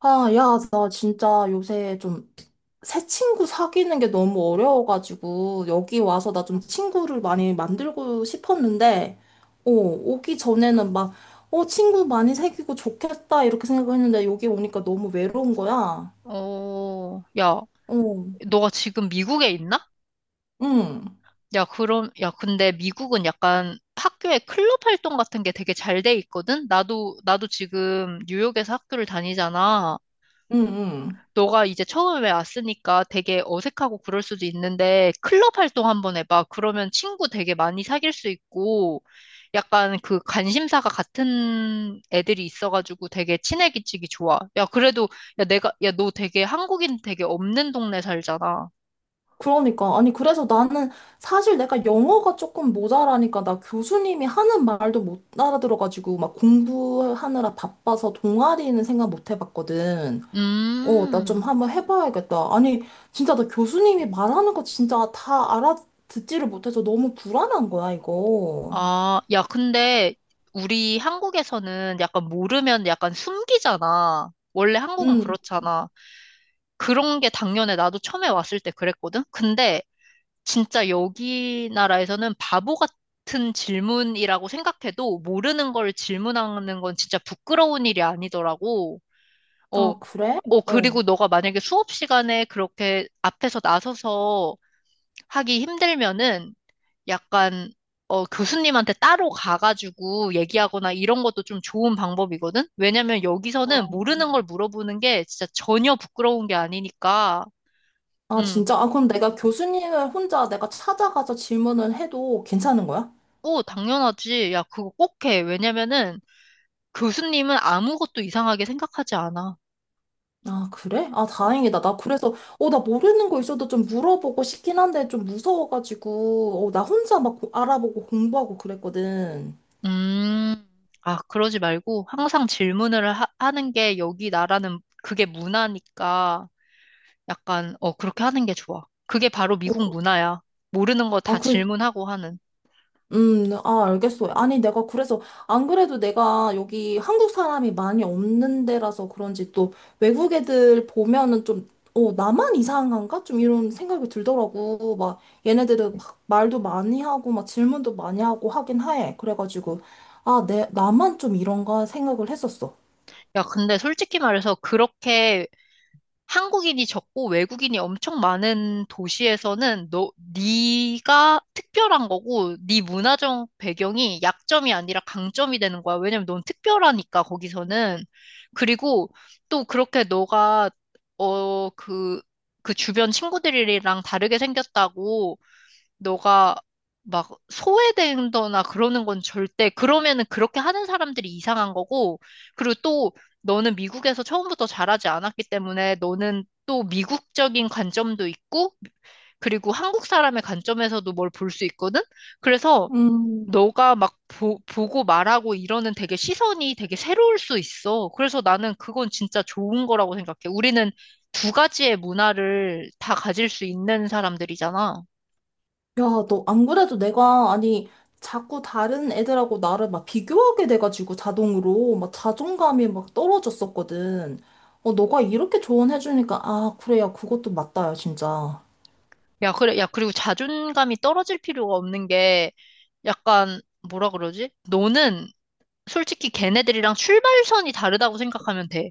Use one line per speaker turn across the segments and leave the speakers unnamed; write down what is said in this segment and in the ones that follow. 아, 야, 나 진짜 요새 좀 새 친구 사귀는 게 너무 어려워가지고, 여기 와서 나 좀 친구를 많이 만들고 싶었는데, 오기 전에는 막, 친구 많이 사귀고 좋겠다, 이렇게 생각했는데, 여기 오니까 너무 외로운 거야.
야,
어,
너가 지금 미국에 있나?
응,
야, 그럼, 야, 근데 미국은 약간 학교에 클럽 활동 같은 게 되게 잘 돼 있거든? 나도 지금 뉴욕에서 학교를 다니잖아.
응, 응.
너가 이제 처음에 왔으니까 되게 어색하고 그럴 수도 있는데, 클럽 활동 한번 해봐. 그러면 친구 되게 많이 사귈 수 있고, 약간 그 관심사가 같은 애들이 있어가지고 되게 친해지기 좋아. 야, 그래도, 야, 내가, 야, 너 되게 한국인 되게 없는 동네 살잖아.
그러니까. 아니, 그래서 나는 사실 내가 영어가 조금 모자라니까, 나 교수님이 하는 말도 못 알아들어가지고, 막 공부하느라 바빠서 동아리는 생각 못 해봤거든. 나 좀
음,
한번 해봐야겠다. 아니, 진짜 나 교수님이 말하는 거 진짜 다 알아듣지를 못해서 너무 불안한 거야, 이거.
아, 야, 근데 우리 한국에서는 약간 모르면 약간 숨기잖아. 원래 한국은
응.
그렇잖아. 그런 게 당연해. 나도 처음에 왔을 때 그랬거든? 근데 진짜 여기 나라에서는 바보 같은 질문이라고 생각해도 모르는 걸 질문하는 건 진짜 부끄러운 일이 아니더라고. 어,
아, 그래? 어.
그리고 너가 만약에 수업 시간에 그렇게 앞에서 나서서 하기 힘들면은 약간 교수님한테 따로 가가지고 얘기하거나 이런 것도 좀 좋은 방법이거든? 왜냐면
어,
여기서는 모르는 걸 물어보는 게 진짜 전혀 부끄러운 게 아니니까.
아, 아,
음,
진짜? 아, 그럼 내가 교수님을 혼자 내가 찾아가서 질문을 해도 괜찮은 거야?
오, 당연하지. 야, 그거 꼭 해. 왜냐면은 교수님은 아무것도 이상하게 생각하지 않아.
아, 그래? 아, 다행이다. 나 그래서, 나 모르는 거 있어도 좀 물어보고 싶긴 한데 좀 무서워가지고, 나 혼자 막 알아보고 공부하고 그랬거든.
음, 아, 그러지 말고 항상 질문을 하는 게 여기 나라는 그게 문화니까. 약간, 그렇게 하는 게 좋아. 그게 바로
어.
미국 문화야. 모르는 거
아,
다
그,
질문하고 하는.
아, 알겠어. 아니, 내가 그래서, 안 그래도 내가 여기 한국 사람이 많이 없는 데라서 그런지 또 외국 애들 보면은 좀, 나만 이상한가? 좀 이런 생각이 들더라고. 막, 얘네들은 막 말도 많이 하고, 막 질문도 많이 하고 하긴 해. 그래가지고, 아, 나만 좀 이런가 생각을 했었어.
야, 근데 솔직히 말해서 그렇게 한국인이 적고 외국인이 엄청 많은 도시에서는 너, 네가 특별한 거고, 네 문화적 배경이 약점이 아니라 강점이 되는 거야. 왜냐면 넌 특별하니까, 거기서는. 그리고 또 그렇게 너가, 어, 그, 그 주변 친구들이랑 다르게 생겼다고 너가 막 소외된다거나 그러는 건 절대, 그러면은 그렇게 하는 사람들이 이상한 거고, 그리고 또 너는 미국에서 처음부터 자라지 않았기 때문에 너는 또 미국적인 관점도 있고, 그리고 한국 사람의 관점에서도 뭘 볼 수 있거든? 그래서
음.
너가 막 보고 말하고 이러는 되게 시선이 되게 새로울 수 있어. 그래서 나는 그건 진짜 좋은 거라고 생각해. 우리는 두 가지의 문화를 다 가질 수 있는 사람들이잖아.
야, 너 안 그래도 내가, 아니, 자꾸 다른 애들하고 나를 막 비교하게 돼가지고 자동으로 막 자존감이 막 떨어졌었거든. 너가 이렇게 조언해주니까, 아, 그래, 야, 그것도 맞다, 야, 진짜.
야, 그래, 야, 그리고 자존감이 떨어질 필요가 없는 게 약간 뭐라 그러지? 너는 솔직히 걔네들이랑 출발선이 다르다고 생각하면 돼.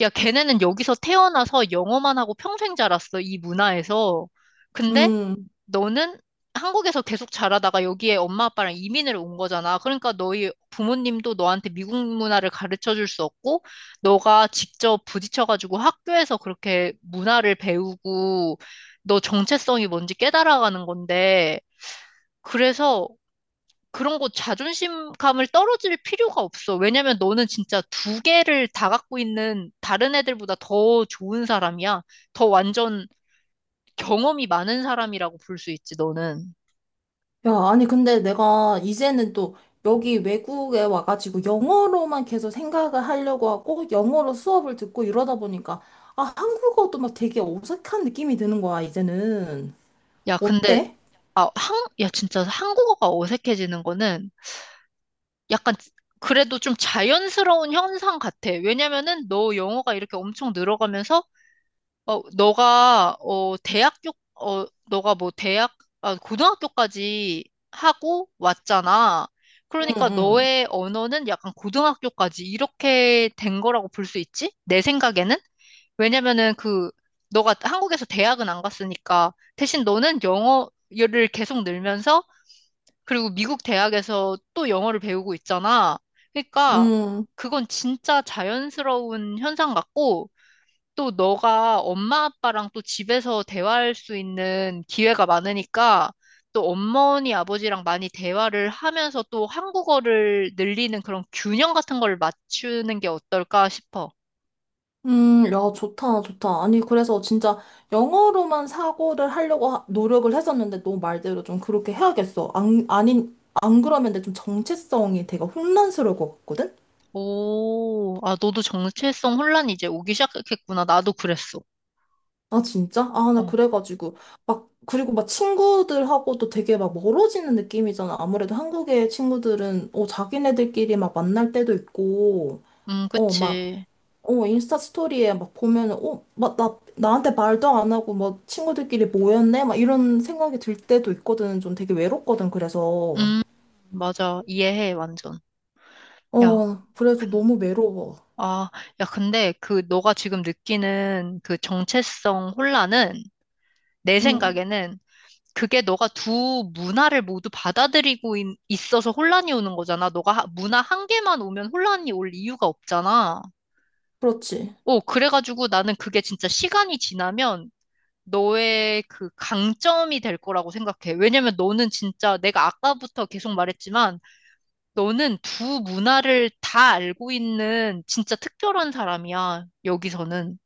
야, 걔네는 여기서 태어나서 영어만 하고 평생 자랐어, 이 문화에서. 근데
음.
너는 한국에서 계속 자라다가 여기에 엄마 아빠랑 이민을 온 거잖아. 그러니까 너희 부모님도 너한테 미국 문화를 가르쳐 줄 수 없고, 너가 직접 부딪혀가지고 학교에서 그렇게 문화를 배우고, 너 정체성이 뭔지 깨달아가는 건데, 그래서 그런 거 자존심감을 떨어질 필요가 없어. 왜냐면 너는 진짜 두 개를 다 갖고 있는 다른 애들보다 더 좋은 사람이야. 더 완전 경험이 많은 사람이라고 볼 수 있지, 너는.
야, 아니, 근데 내가 이제는 또 여기 외국에 와가지고 영어로만 계속 생각을 하려고 하고 영어로 수업을 듣고 이러다 보니까, 아, 한국어도 막 되게 어색한 느낌이 드는 거야, 이제는.
야, 근데
어때?
아, 한, 야, 진짜 한국어가 어색해지는 거는 약간 그래도 좀 자연스러운 현상 같아. 왜냐면은 너 영어가 이렇게 엄청 늘어가면서, 어, 너가, 어, 대학교, 어, 너가 뭐 대학, 아, 고등학교까지 하고 왔잖아.
응,
그러니까
응.
너의 언어는 약간 고등학교까지 이렇게 된 거라고 볼 수 있지? 내 생각에는? 왜냐면은 그, 너가 한국에서 대학은 안 갔으니까 대신 너는 영어를 계속 늘면서 그리고 미국 대학에서 또 영어를 배우고 있잖아. 그러니까
응.
그건 진짜 자연스러운 현상 같고 또 너가 엄마 아빠랑 또 집에서 대화할 수 있는 기회가 많으니까 또 어머니 아버지랑 많이 대화를 하면서 또 한국어를 늘리는 그런 균형 같은 걸 맞추는 게 어떨까 싶어.
야, 좋다, 좋다. 아니, 그래서 진짜 영어로만 사고를 하려고 노력을 했었는데, 너 말대로 좀 그렇게 해야겠어. 안 그러면 내 좀 정체성이 되게 혼란스러울 것 같거든?
오, 아, 너도 정체성 혼란이 이제 오기 시작했구나. 나도 그랬어.
아, 진짜? 아, 나
어,
그래가지고. 막, 그리고 막 친구들하고도 되게 막 멀어지는 느낌이잖아. 아무래도 한국의 친구들은, 자기네들끼리 막 만날 때도 있고, 어, 막,
그치.
인스타 스토리에 막 보면은, 막 나한테 말도 안 하고, 막 친구들끼리 모였네? 막 이런 생각이 들 때도 있거든. 좀 되게 외롭거든, 그래서.
음, 맞아. 이해해, 완전. 야,
그래서
근-
너무 외로워.
아, 야, 근데 그 너가 지금 느끼는 그 정체성 혼란은 내
응,
생각에는 그게 너가 두 문화를 모두 받아들이고 있어서 혼란이 오는 거잖아. 너가 문화 한 개만 오면 혼란이 올 이유가 없잖아.
그렇지.
오, 그래가지고 나는 그게 진짜 시간이 지나면 너의 그 강점이 될 거라고 생각해. 왜냐면 너는 진짜 내가 아까부터 계속 말했지만 너는 두 문화를 다 알고 있는 진짜 특별한 사람이야, 여기서는.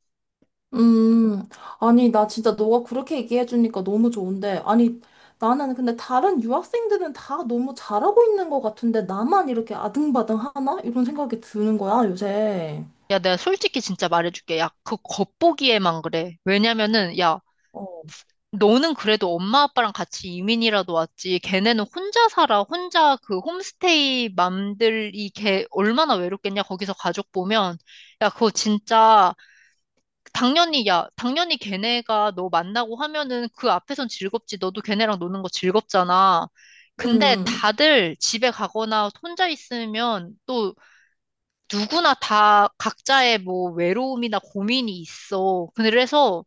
음, 아니, 나 진짜 너가 그렇게 얘기해주니까 너무 좋은데. 아니, 나는 근데 다른 유학생들은 다 너무 잘하고 있는 것 같은데, 나만 이렇게 아등바등 하나? 이런 생각이 드는 거야, 요새.
야, 내가 솔직히 진짜 말해줄게. 야, 그 겉보기에만 그래. 왜냐면은, 야,
어,
너는 그래도 엄마 아빠랑 같이 이민이라도 왔지. 걔네는 혼자 살아. 혼자 그 홈스테이 맘들이 걔 얼마나 외롭겠냐. 거기서 가족 보면. 야, 그거 진짜 당연히, 야, 당연히 걔네가 너 만나고 하면은 그 앞에선 즐겁지. 너도 걔네랑 노는 거 즐겁잖아.
음,
근데
음.
다들 집에 가거나 혼자 있으면 또 누구나 다 각자의 뭐 외로움이나 고민이 있어. 그래서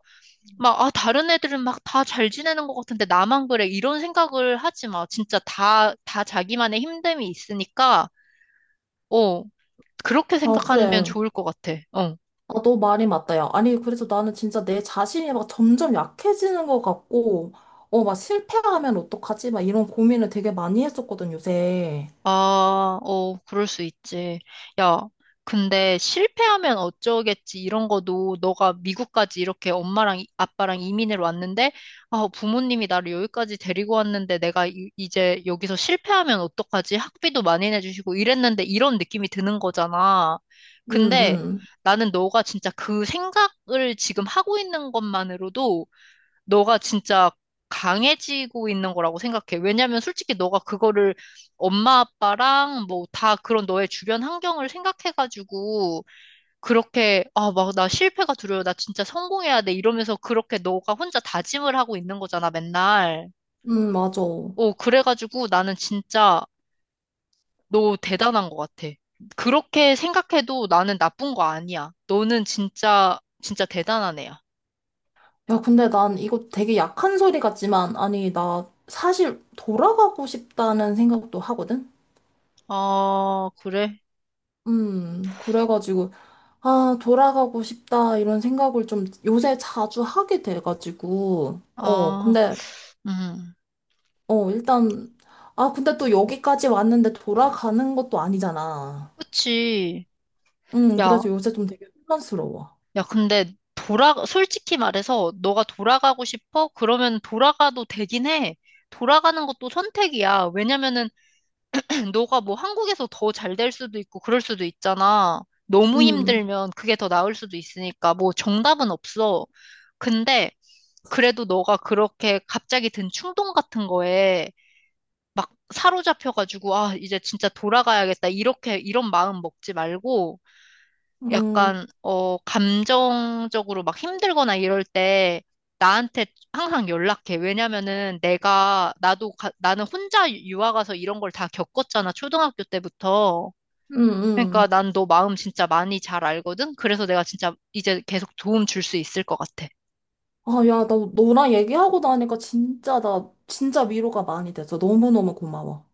막, 아, 다른 애들은 막 다 잘 지내는 것 같은데 나만 그래. 이런 생각을 하지 마. 진짜 다 자기만의 힘듦이 있으니까, 어, 그렇게
어,
생각하면
그래.
좋을 것 같아. 어.
아, 너 말이 맞다, 야. 아니, 그래서 나는 진짜 내 자신이 막 점점 약해지는 것 같고, 막 실패하면 어떡하지? 막 이런 고민을 되게 많이 했었거든, 요새.
아, 어, 그럴 수 있지. 야, 근데 실패하면 어쩌겠지 이런 거도 너가 미국까지 이렇게 엄마랑 아빠랑 이민을 왔는데, 아, 부모님이 나를 여기까지 데리고 왔는데 내가 이제 여기서 실패하면 어떡하지? 학비도 많이 내주시고 이랬는데 이런 느낌이 드는 거잖아.
응,
근데
응,
나는 너가 진짜 그 생각을 지금 하고 있는 것만으로도 너가 진짜 강해지고 있는 거라고 생각해. 왜냐면 솔직히 너가 그거를 엄마 아빠랑 뭐 다 그런 너의 주변 환경을 생각해가지고 그렇게 아, 막 나 실패가 두려워. 나 진짜 성공해야 돼. 이러면서 그렇게 너가 혼자 다짐을 하고 있는 거잖아, 맨날.
응, 맞아.
어, 그래가지고 나는 진짜 너 대단한 것 같아. 그렇게 생각해도 나는 나쁜 거 아니야. 너는 진짜, 진짜 대단한 애야.
야, 근데 난 이거 되게 약한 소리 같지만, 아니, 나 사실 돌아가고 싶다는 생각도 하거든?
아, 그래?
그래가지고, 아, 돌아가고 싶다, 이런 생각을 좀 요새 자주 하게 돼가지고,
아,
근데,
음.
일단, 아, 근데 또 여기까지 왔는데 돌아가는 것도 아니잖아.
그치. 야,
그래서 요새 좀 되게 혼란스러워.
야, 근데 돌아, 솔직히 말해서 너가 돌아가고 싶어? 그러면 돌아가도 되긴 해. 돌아가는 것도 선택이야. 왜냐면은 너가 뭐 한국에서 더 잘 될 수도 있고 그럴 수도 있잖아. 너무
음,
힘들면 그게 더 나을 수도 있으니까 뭐 정답은 없어. 근데 그래도 너가 그렇게 갑자기 든 충동 같은 거에 막 사로잡혀가지고 아, 이제 진짜 돌아가야겠다. 이렇게 이런 마음 먹지 말고
음,
약간, 어, 감정적으로 막 힘들거나 이럴 때 나한테 항상 연락해. 왜냐면은 내가, 나도, 나는 혼자 유학 가서 이런 걸 다 겪었잖아. 초등학교 때부터.
음,
그러니까
음.
난 너 마음 진짜 많이 잘 알거든? 그래서 내가 진짜 이제 계속 도움 줄 수 있을 것 같아.
아, 야, 나 너랑 얘기하고 나니까 진짜 진짜 위로가 많이 돼서 너무너무 고마워.